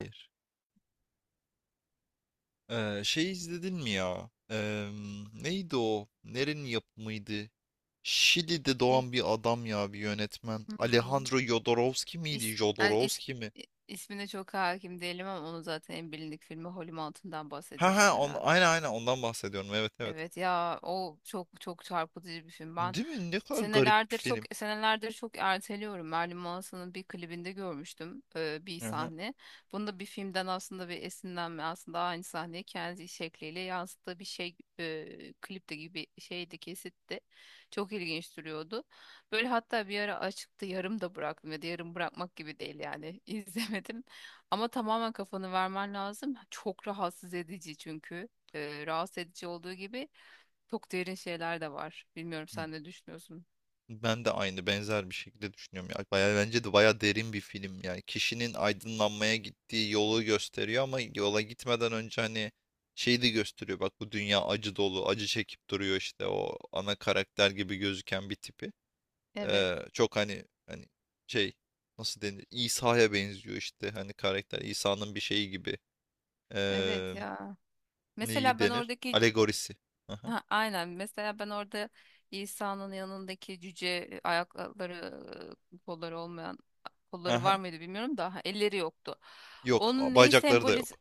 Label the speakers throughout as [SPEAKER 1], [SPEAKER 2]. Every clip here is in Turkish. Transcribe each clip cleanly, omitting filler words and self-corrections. [SPEAKER 1] Hayır. İzledin mi ya? Neydi o? Nerenin yapımıydı? Şili'de
[SPEAKER 2] Hey.
[SPEAKER 1] doğan bir adam ya, bir yönetmen.
[SPEAKER 2] Hmm.
[SPEAKER 1] Alejandro Jodorowsky
[SPEAKER 2] İs,
[SPEAKER 1] miydi?
[SPEAKER 2] yani is-
[SPEAKER 1] Jodorowsky mi?
[SPEAKER 2] ismine çok hakim değilim ama onun zaten en bilindik filmi Holm Altın'dan
[SPEAKER 1] Ha ha,
[SPEAKER 2] bahsediyorsun herhalde.
[SPEAKER 1] aynen ondan bahsediyorum. Evet evet.
[SPEAKER 2] Evet ya, o çok çarpıcı bir film. Ben
[SPEAKER 1] Değil mi? Ne kadar garip bir
[SPEAKER 2] senelerdir, çok
[SPEAKER 1] film.
[SPEAKER 2] senelerdir çok erteliyorum. Marilyn Manson'un bir klibinde görmüştüm bir
[SPEAKER 1] Hı hı.
[SPEAKER 2] sahne. Bunda bir filmden aslında bir esinlenme, aslında aynı sahneyi kendi şekliyle yansıttığı bir şey klipte gibi şeydi, kesitti. Çok ilginç duruyordu. Böyle hatta bir ara açıktı, yarım da bıraktım ya da yarım bırakmak gibi değil yani izlemedim. Ama tamamen kafanı vermen lazım. Çok rahatsız edici çünkü rahatsız edici olduğu gibi çok derin şeyler de var. Bilmiyorum, sen ne düşünüyorsun?
[SPEAKER 1] Ben de aynı benzer bir şekilde düşünüyorum ya. Bayağı bence de bayağı derin bir film yani. Kişinin aydınlanmaya gittiği yolu gösteriyor ama yola gitmeden önce hani şeyi de gösteriyor. Bak bu dünya acı dolu, acı çekip duruyor işte o ana karakter gibi gözüken bir tipi.
[SPEAKER 2] Evet,
[SPEAKER 1] Çok hani şey, nasıl denir? İsa'ya benziyor işte hani, karakter İsa'nın bir şeyi gibi.
[SPEAKER 2] evet
[SPEAKER 1] Ee,
[SPEAKER 2] ya.
[SPEAKER 1] Neyi
[SPEAKER 2] Mesela ben
[SPEAKER 1] denir?
[SPEAKER 2] oradaki.
[SPEAKER 1] Alegorisi. Aha,
[SPEAKER 2] Ha, aynen, mesela ben orada İsa'nın yanındaki cüce, ayakları, kolları olmayan, kolları var
[SPEAKER 1] aha.
[SPEAKER 2] mıydı bilmiyorum da, ha, elleri yoktu.
[SPEAKER 1] Yok,
[SPEAKER 2] Onun neyi
[SPEAKER 1] bacakları da yok.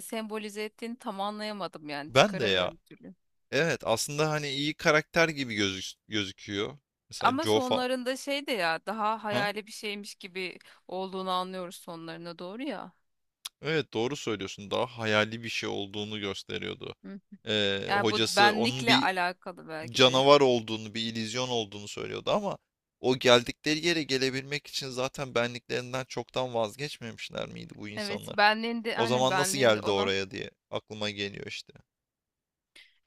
[SPEAKER 2] sembolize ettiğini tam anlayamadım yani,
[SPEAKER 1] Ben de ya.
[SPEAKER 2] çıkaramıyorum bir türlü.
[SPEAKER 1] Evet, aslında hani iyi karakter gibi gözüküyor. Mesela
[SPEAKER 2] Ama sonlarında şey de ya, daha
[SPEAKER 1] Ha?
[SPEAKER 2] hayali bir şeymiş gibi olduğunu anlıyoruz sonlarına doğru ya.
[SPEAKER 1] Evet, doğru söylüyorsun. Daha hayali bir şey olduğunu gösteriyordu.
[SPEAKER 2] Yani bu
[SPEAKER 1] Hocası onun
[SPEAKER 2] benlikle
[SPEAKER 1] bir
[SPEAKER 2] alakalı belki de.
[SPEAKER 1] canavar olduğunu, bir illüzyon olduğunu söylüyordu ama o geldikleri yere gelebilmek için zaten benliklerinden çoktan vazgeçmemişler miydi bu
[SPEAKER 2] Evet,
[SPEAKER 1] insanlar?
[SPEAKER 2] benliğinde,
[SPEAKER 1] O
[SPEAKER 2] hani
[SPEAKER 1] zaman nasıl
[SPEAKER 2] benliğinde
[SPEAKER 1] geldi
[SPEAKER 2] olan.
[SPEAKER 1] oraya diye aklıma geliyor işte.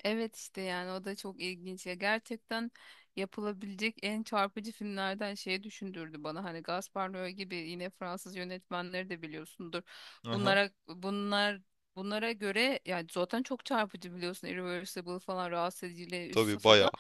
[SPEAKER 2] Evet işte, yani o da çok ilginç ya, gerçekten yapılabilecek en çarpıcı filmlerden. Şeyi düşündürdü bana, hani Gaspar Noé gibi, yine Fransız yönetmenleri de biliyorsundur,
[SPEAKER 1] Aha.
[SPEAKER 2] bunlara bunlara göre yani, zaten çok çarpıcı biliyorsun, Irreversible falan rahatsız ediciyle üst
[SPEAKER 1] Tabii, bayağı.
[SPEAKER 2] safhada,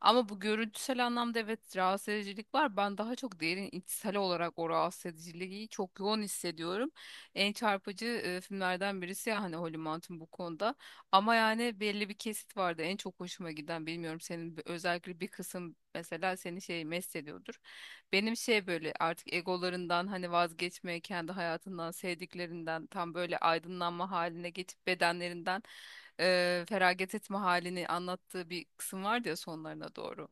[SPEAKER 2] ama bu görüntüsel anlamda evet rahatsız edicilik var, ben daha çok derin içsel olarak o rahatsız ediciliği çok yoğun hissediyorum. En çarpıcı filmlerden birisi ya hani, Holly Mountain bu konuda. Ama yani belli bir kesit vardı en çok hoşuma giden, bilmiyorum senin özellikle bir kısım mesela seni şey mest ediyordur. Benim şey, böyle artık egolarından hani vazgeçmeye, kendi hayatından, sevdiklerinden, tam böyle aydınlanma haline geçip bedenlerinden feragat etme halini anlattığı bir kısım vardı ya sonlarına doğru.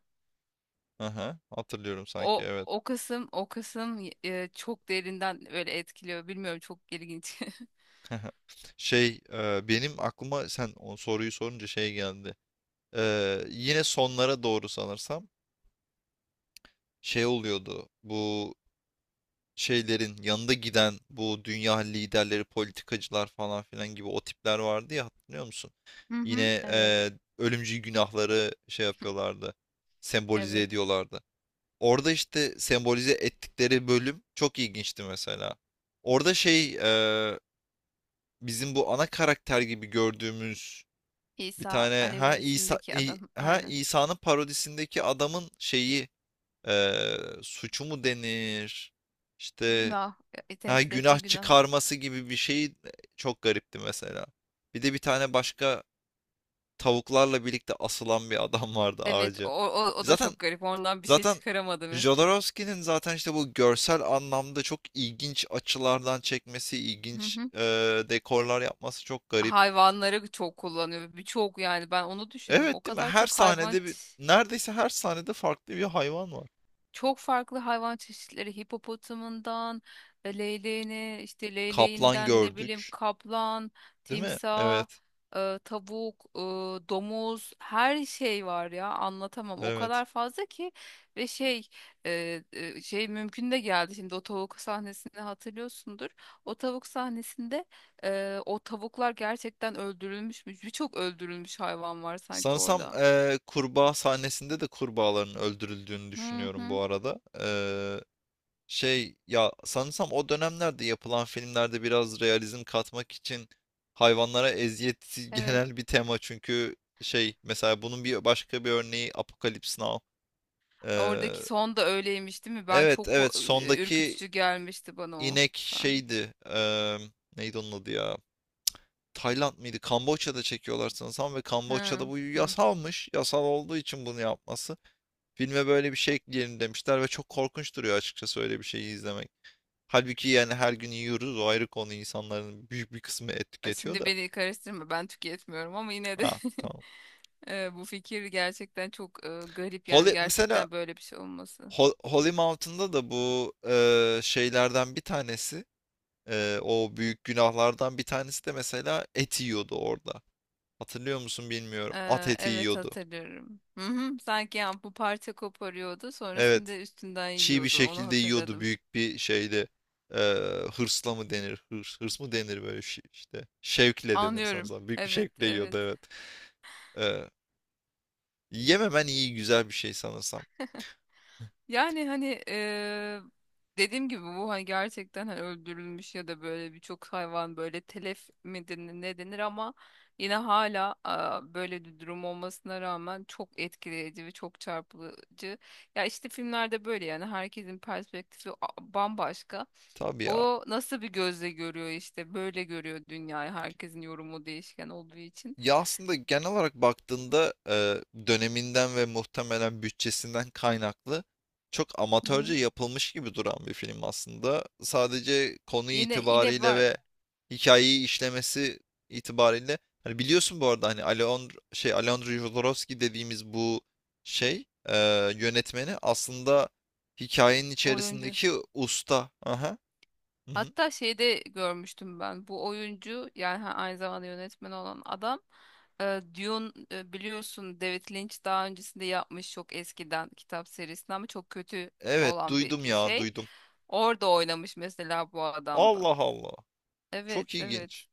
[SPEAKER 1] Aha. Hatırlıyorum sanki,
[SPEAKER 2] O
[SPEAKER 1] evet.
[SPEAKER 2] o kısım o kısım eee, çok derinden öyle etkiliyor, bilmiyorum, çok ilginç.
[SPEAKER 1] Benim aklıma sen o soruyu sorunca şey geldi. E, yine sonlara doğru sanırsam şey oluyordu. Bu şeylerin yanında giden bu dünya liderleri, politikacılar falan filan gibi o tipler vardı ya, hatırlıyor musun?
[SPEAKER 2] Hı hı,
[SPEAKER 1] Yine
[SPEAKER 2] evet.
[SPEAKER 1] ölümcül günahları şey yapıyorlardı. Sembolize
[SPEAKER 2] Evet,
[SPEAKER 1] ediyorlardı. Orada işte sembolize ettikleri bölüm çok ilginçti mesela. Orada şey, e, bizim bu ana karakter gibi gördüğümüz bir
[SPEAKER 2] İsa
[SPEAKER 1] tane, ha İsa
[SPEAKER 2] alegorisindeki
[SPEAKER 1] İ-
[SPEAKER 2] adam,
[SPEAKER 1] ha
[SPEAKER 2] aynen.
[SPEAKER 1] İsa'nın parodisindeki adamın şeyi, suçu mu denir? İşte
[SPEAKER 2] Günah. E,
[SPEAKER 1] ha,
[SPEAKER 2] temsil
[SPEAKER 1] günah
[SPEAKER 2] ettiği günah.
[SPEAKER 1] çıkarması gibi bir şey, çok garipti mesela. Bir de bir tane başka tavuklarla birlikte asılan bir adam vardı
[SPEAKER 2] Evet, o,
[SPEAKER 1] ağaca.
[SPEAKER 2] o o da
[SPEAKER 1] Zaten
[SPEAKER 2] çok garip. Ondan bir şey
[SPEAKER 1] zaten
[SPEAKER 2] çıkaramadı mı?
[SPEAKER 1] Jodorowsky'nin zaten işte bu görsel anlamda çok ilginç açılardan çekmesi,
[SPEAKER 2] Hı
[SPEAKER 1] ilginç
[SPEAKER 2] hı.
[SPEAKER 1] dekorlar yapması çok garip.
[SPEAKER 2] Hayvanları çok kullanıyor. Birçok, yani ben onu düşündüm. O
[SPEAKER 1] Evet, değil mi?
[SPEAKER 2] kadar
[SPEAKER 1] Her
[SPEAKER 2] çok hayvan
[SPEAKER 1] sahnede bir, neredeyse her sahnede farklı bir hayvan var.
[SPEAKER 2] Çok farklı hayvan çeşitleri, hipopotamından leyleğine, işte
[SPEAKER 1] Kaplan
[SPEAKER 2] leyleğinden ne bileyim
[SPEAKER 1] gördük,
[SPEAKER 2] kaplan,
[SPEAKER 1] değil mi?
[SPEAKER 2] timsah,
[SPEAKER 1] Evet,
[SPEAKER 2] tavuk, domuz, her şey var ya, anlatamam. O
[SPEAKER 1] evet.
[SPEAKER 2] kadar fazla ki ve şey, şey mümkün de geldi. Şimdi o tavuk sahnesini hatırlıyorsundur. O tavuk sahnesinde o tavuklar gerçekten öldürülmüş mü? Birçok öldürülmüş hayvan var sanki
[SPEAKER 1] Sanırsam
[SPEAKER 2] orada.
[SPEAKER 1] kurbağa sahnesinde de kurbağaların öldürüldüğünü
[SPEAKER 2] Hı
[SPEAKER 1] düşünüyorum bu
[SPEAKER 2] hı.
[SPEAKER 1] arada. Şey ya, sanırsam o dönemlerde yapılan filmlerde biraz realizm katmak için hayvanlara eziyet
[SPEAKER 2] Evet.
[SPEAKER 1] genel bir tema, çünkü şey, mesela bunun bir başka bir örneği Apokalips Now. Eee,
[SPEAKER 2] Oradaki son da öyleymiş değil mi? Ben
[SPEAKER 1] evet
[SPEAKER 2] çok
[SPEAKER 1] evet, sondaki
[SPEAKER 2] ürkütücü gelmişti bana o
[SPEAKER 1] inek
[SPEAKER 2] sahne.
[SPEAKER 1] şeydi. Neydi onun adı ya? Tayland mıydı? Kamboçya'da çekiyorlar sanırsam ve Kamboçya'da
[SPEAKER 2] Hı,
[SPEAKER 1] bu
[SPEAKER 2] hı.
[SPEAKER 1] yasalmış. Yasal olduğu için bunu yapması. Filme böyle bir şey ekleyelim demişler ve çok korkunç duruyor açıkçası öyle bir şeyi izlemek. Halbuki yani her gün yiyoruz, o ayrı konu, insanların büyük bir kısmı et tüketiyor
[SPEAKER 2] Şimdi
[SPEAKER 1] da.
[SPEAKER 2] beni karıştırma, ben tüketmiyorum ama yine
[SPEAKER 1] Ha
[SPEAKER 2] de
[SPEAKER 1] tamam.
[SPEAKER 2] bu fikir gerçekten çok garip yani,
[SPEAKER 1] Holy, mesela
[SPEAKER 2] gerçekten böyle bir şey olması.
[SPEAKER 1] Holy Mountain'da da bu şeylerden bir tanesi, o büyük günahlardan bir tanesi de mesela et yiyordu orada. Hatırlıyor musun bilmiyorum. At
[SPEAKER 2] E,
[SPEAKER 1] eti
[SPEAKER 2] evet
[SPEAKER 1] yiyordu.
[SPEAKER 2] hatırlıyorum. Hı hı, sanki yani bu, parça koparıyordu
[SPEAKER 1] Evet.
[SPEAKER 2] sonrasında, üstünden
[SPEAKER 1] Çiğ bir
[SPEAKER 2] yiyordu, onu
[SPEAKER 1] şekilde yiyordu
[SPEAKER 2] hatırladım.
[SPEAKER 1] büyük bir şeyde. Hırsla mı denir? Hırs mı denir böyle şey işte. Şevkle denir
[SPEAKER 2] Anlıyorum.
[SPEAKER 1] sanırsam. Büyük bir
[SPEAKER 2] Evet
[SPEAKER 1] şevkle
[SPEAKER 2] evet.
[SPEAKER 1] yiyordu, evet. Eee, Yememen iyi, güzel bir şey sanırsam.
[SPEAKER 2] Yani hani dediğim gibi, bu hani gerçekten hani öldürülmüş ya da böyle birçok hayvan böyle telef mi denir, ne denir, ama yine hala aa, böyle bir durum olmasına rağmen çok etkileyici ve çok çarpıcı. Ya işte filmlerde böyle yani, herkesin perspektifi bambaşka.
[SPEAKER 1] Tabii ya.
[SPEAKER 2] O nasıl bir gözle görüyor, işte böyle görüyor dünyayı, herkesin yorumu değişken olduğu için.
[SPEAKER 1] Ya aslında genel olarak baktığında, döneminden ve muhtemelen bütçesinden kaynaklı çok
[SPEAKER 2] Hı
[SPEAKER 1] amatörce
[SPEAKER 2] hı.
[SPEAKER 1] yapılmış gibi duran bir film aslında. Sadece konu
[SPEAKER 2] Yine
[SPEAKER 1] itibariyle
[SPEAKER 2] var
[SPEAKER 1] ve hikayeyi işlemesi itibariyle, hani biliyorsun bu arada hani, Alejandro Jodorowsky dediğimiz bu şey, yönetmeni aslında hikayenin
[SPEAKER 2] oyuncu.
[SPEAKER 1] içerisindeki usta. Aha. Hı hı.
[SPEAKER 2] Hatta şeyde görmüştüm ben bu oyuncu yani, aynı zamanda yönetmen olan adam, Dune, biliyorsun David Lynch daha öncesinde yapmış, çok eskiden, kitap serisinden ama çok kötü
[SPEAKER 1] Evet,
[SPEAKER 2] olan
[SPEAKER 1] duydum
[SPEAKER 2] bir
[SPEAKER 1] ya,
[SPEAKER 2] şey.
[SPEAKER 1] duydum.
[SPEAKER 2] Orada oynamış mesela bu adam da.
[SPEAKER 1] Allah Allah.
[SPEAKER 2] Evet
[SPEAKER 1] Çok
[SPEAKER 2] evet.
[SPEAKER 1] ilginç.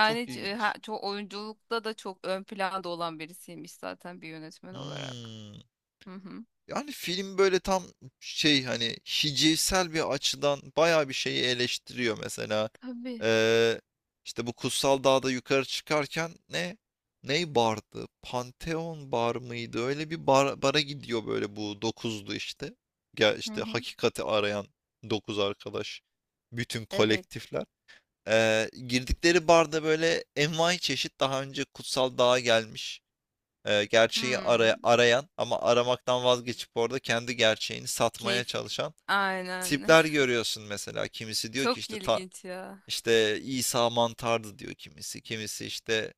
[SPEAKER 1] Çok ilginç.
[SPEAKER 2] çok oyunculukta da çok ön planda olan birisiymiş zaten bir yönetmen olarak.
[SPEAKER 1] Hmm.
[SPEAKER 2] Hı hı.
[SPEAKER 1] Yani film böyle tam şey, hani hicivsel bir açıdan bayağı bir şeyi eleştiriyor mesela.
[SPEAKER 2] Tabii.
[SPEAKER 1] Ee, işte bu Kutsal Dağ'da yukarı çıkarken ne? Ney bardı? Pantheon bar mıydı? Öyle bir bara gidiyor böyle bu 9'lu işte. Gel
[SPEAKER 2] Hı
[SPEAKER 1] işte,
[SPEAKER 2] hı.
[SPEAKER 1] hakikati arayan 9 arkadaş. Bütün
[SPEAKER 2] Evet.
[SPEAKER 1] kolektifler. Girdikleri barda böyle envai çeşit daha önce Kutsal Dağ'a gelmiş, gerçeği
[SPEAKER 2] Hmm.
[SPEAKER 1] arayan ama aramaktan vazgeçip orada kendi gerçeğini satmaya
[SPEAKER 2] Keyfi.
[SPEAKER 1] çalışan
[SPEAKER 2] Aynen.
[SPEAKER 1] tipler görüyorsun mesela. Kimisi diyor ki
[SPEAKER 2] Çok
[SPEAKER 1] işte ta,
[SPEAKER 2] ilginç ya.
[SPEAKER 1] işte İsa mantardı diyor kimisi. Kimisi işte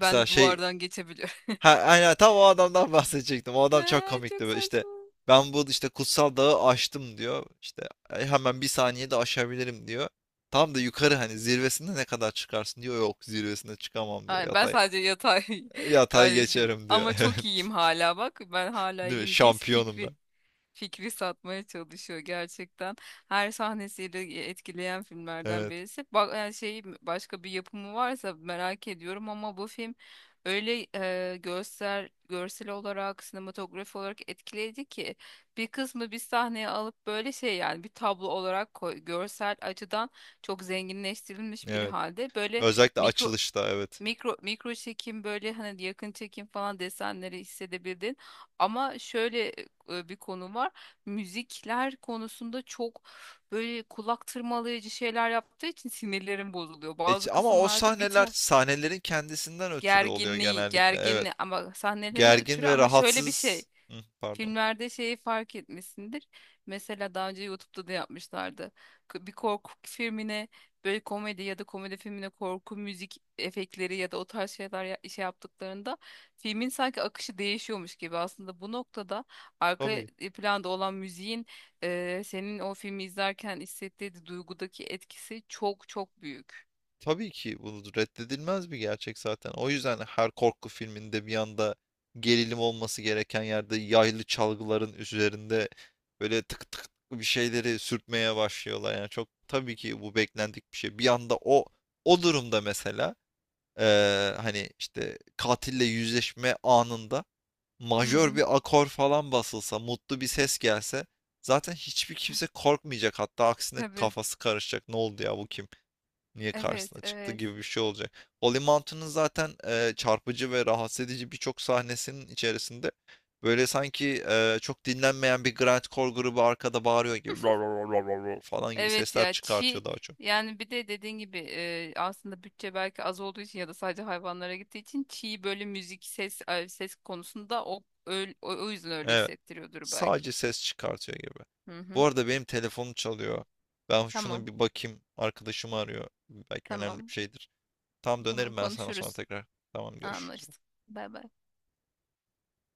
[SPEAKER 1] mesela şey,
[SPEAKER 2] duvardan geçebiliyorum.
[SPEAKER 1] ha, aynen tam o adamdan bahsedecektim. O adam çok
[SPEAKER 2] Çok
[SPEAKER 1] komikti böyle işte,
[SPEAKER 2] saçma.
[SPEAKER 1] ben bu işte kutsal dağı aştım diyor. İşte "E, hemen bir saniyede aşabilirim diyor. Tam da yukarı hani zirvesinde ne kadar çıkarsın diyor. Yok, zirvesinde çıkamam diyor.
[SPEAKER 2] Ay, ben
[SPEAKER 1] Yatay
[SPEAKER 2] sadece yatay
[SPEAKER 1] yatay
[SPEAKER 2] kardeşim.
[SPEAKER 1] geçerim
[SPEAKER 2] Ama
[SPEAKER 1] diyor.
[SPEAKER 2] çok
[SPEAKER 1] Evet.
[SPEAKER 2] iyiyim hala bak. Ben hala
[SPEAKER 1] Değil mi?
[SPEAKER 2] iyiyim diye
[SPEAKER 1] Şampiyonum ben.
[SPEAKER 2] fikri satmaya çalışıyor gerçekten. Her sahnesiyle etkileyen filmlerden
[SPEAKER 1] Evet,
[SPEAKER 2] birisi. Bak yani şey, başka bir yapımı varsa merak ediyorum, ama bu film öyle görsel olarak, sinematografi olarak etkileyici ki bir kısmı bir sahneye alıp böyle şey, yani bir tablo olarak koy, görsel açıdan çok zenginleştirilmiş bir
[SPEAKER 1] evet.
[SPEAKER 2] halde böyle
[SPEAKER 1] Özellikle
[SPEAKER 2] mikro.
[SPEAKER 1] açılışta, evet.
[SPEAKER 2] Mikro çekim böyle hani, yakın çekim falan desenleri hissedebildin. Ama şöyle bir konu var. Müzikler konusunda çok böyle kulak tırmalayıcı şeyler yaptığı için sinirlerim bozuluyor.
[SPEAKER 1] E,
[SPEAKER 2] Bazı
[SPEAKER 1] ama o
[SPEAKER 2] kısımlarda bir
[SPEAKER 1] sahneler,
[SPEAKER 2] tık
[SPEAKER 1] sahnelerin kendisinden ötürü oluyor genellikle. Evet.
[SPEAKER 2] gerginliği, ama sahnelerin
[SPEAKER 1] Gergin
[SPEAKER 2] ötürü,
[SPEAKER 1] ve
[SPEAKER 2] ama şöyle bir şey.
[SPEAKER 1] rahatsız. Hı, pardon.
[SPEAKER 2] Filmlerde şeyi fark etmişsindir. Mesela daha önce YouTube'da da yapmışlardı. Bir korku filmine böyle komedi ya da komedi filmine korku müzik efektleri ya da o tarz şeyler şey yaptıklarında filmin sanki akışı değişiyormuş gibi. Aslında bu noktada arka
[SPEAKER 1] Tabii.
[SPEAKER 2] planda olan müziğin senin o filmi izlerken hissettiği duygudaki etkisi çok büyük.
[SPEAKER 1] Tabii ki bu reddedilmez bir gerçek zaten. O yüzden her korku filminde bir anda gerilim olması gereken yerde yaylı çalgıların üzerinde böyle tık tık bir şeyleri sürtmeye başlıyorlar. Yani çok tabii ki bu beklendik bir şey. Bir anda o durumda mesela, hani işte katille yüzleşme anında
[SPEAKER 2] Hı
[SPEAKER 1] majör
[SPEAKER 2] hı.
[SPEAKER 1] bir akor falan basılsa, mutlu bir ses gelse zaten hiçbir kimse korkmayacak. Hatta aksine
[SPEAKER 2] Tabii.
[SPEAKER 1] kafası karışacak. Ne oldu ya, bu kim? Niye
[SPEAKER 2] Evet,
[SPEAKER 1] karşısına çıktı
[SPEAKER 2] evet.
[SPEAKER 1] gibi bir şey olacak. Holy Mountain'ın zaten çarpıcı ve rahatsız edici birçok sahnesinin içerisinde böyle sanki çok dinlenmeyen bir grindcore grubu arkada bağırıyor gibi "Rar rar rar rar" falan gibi
[SPEAKER 2] Evet
[SPEAKER 1] sesler
[SPEAKER 2] ya, çiğ,
[SPEAKER 1] çıkartıyor daha çok.
[SPEAKER 2] yani bir de dediğin gibi aslında bütçe belki az olduğu için ya da sadece hayvanlara gittiği için çiğ, böyle müzik ses, ses konusunda o öyle, o yüzden öyle
[SPEAKER 1] Evet.
[SPEAKER 2] hissettiriyordur belki.
[SPEAKER 1] Sadece ses çıkartıyor gibi.
[SPEAKER 2] Hı
[SPEAKER 1] Bu
[SPEAKER 2] hı.
[SPEAKER 1] arada benim telefonum çalıyor. Ben
[SPEAKER 2] Tamam.
[SPEAKER 1] şuna bir bakayım. Arkadaşım arıyor. Belki önemli
[SPEAKER 2] Tamam.
[SPEAKER 1] bir şeydir. Tam
[SPEAKER 2] Tamam,
[SPEAKER 1] dönerim ben sana sonra
[SPEAKER 2] konuşuruz.
[SPEAKER 1] tekrar. Tamam, görüşürüz.
[SPEAKER 2] Anlaştık. Bay bay.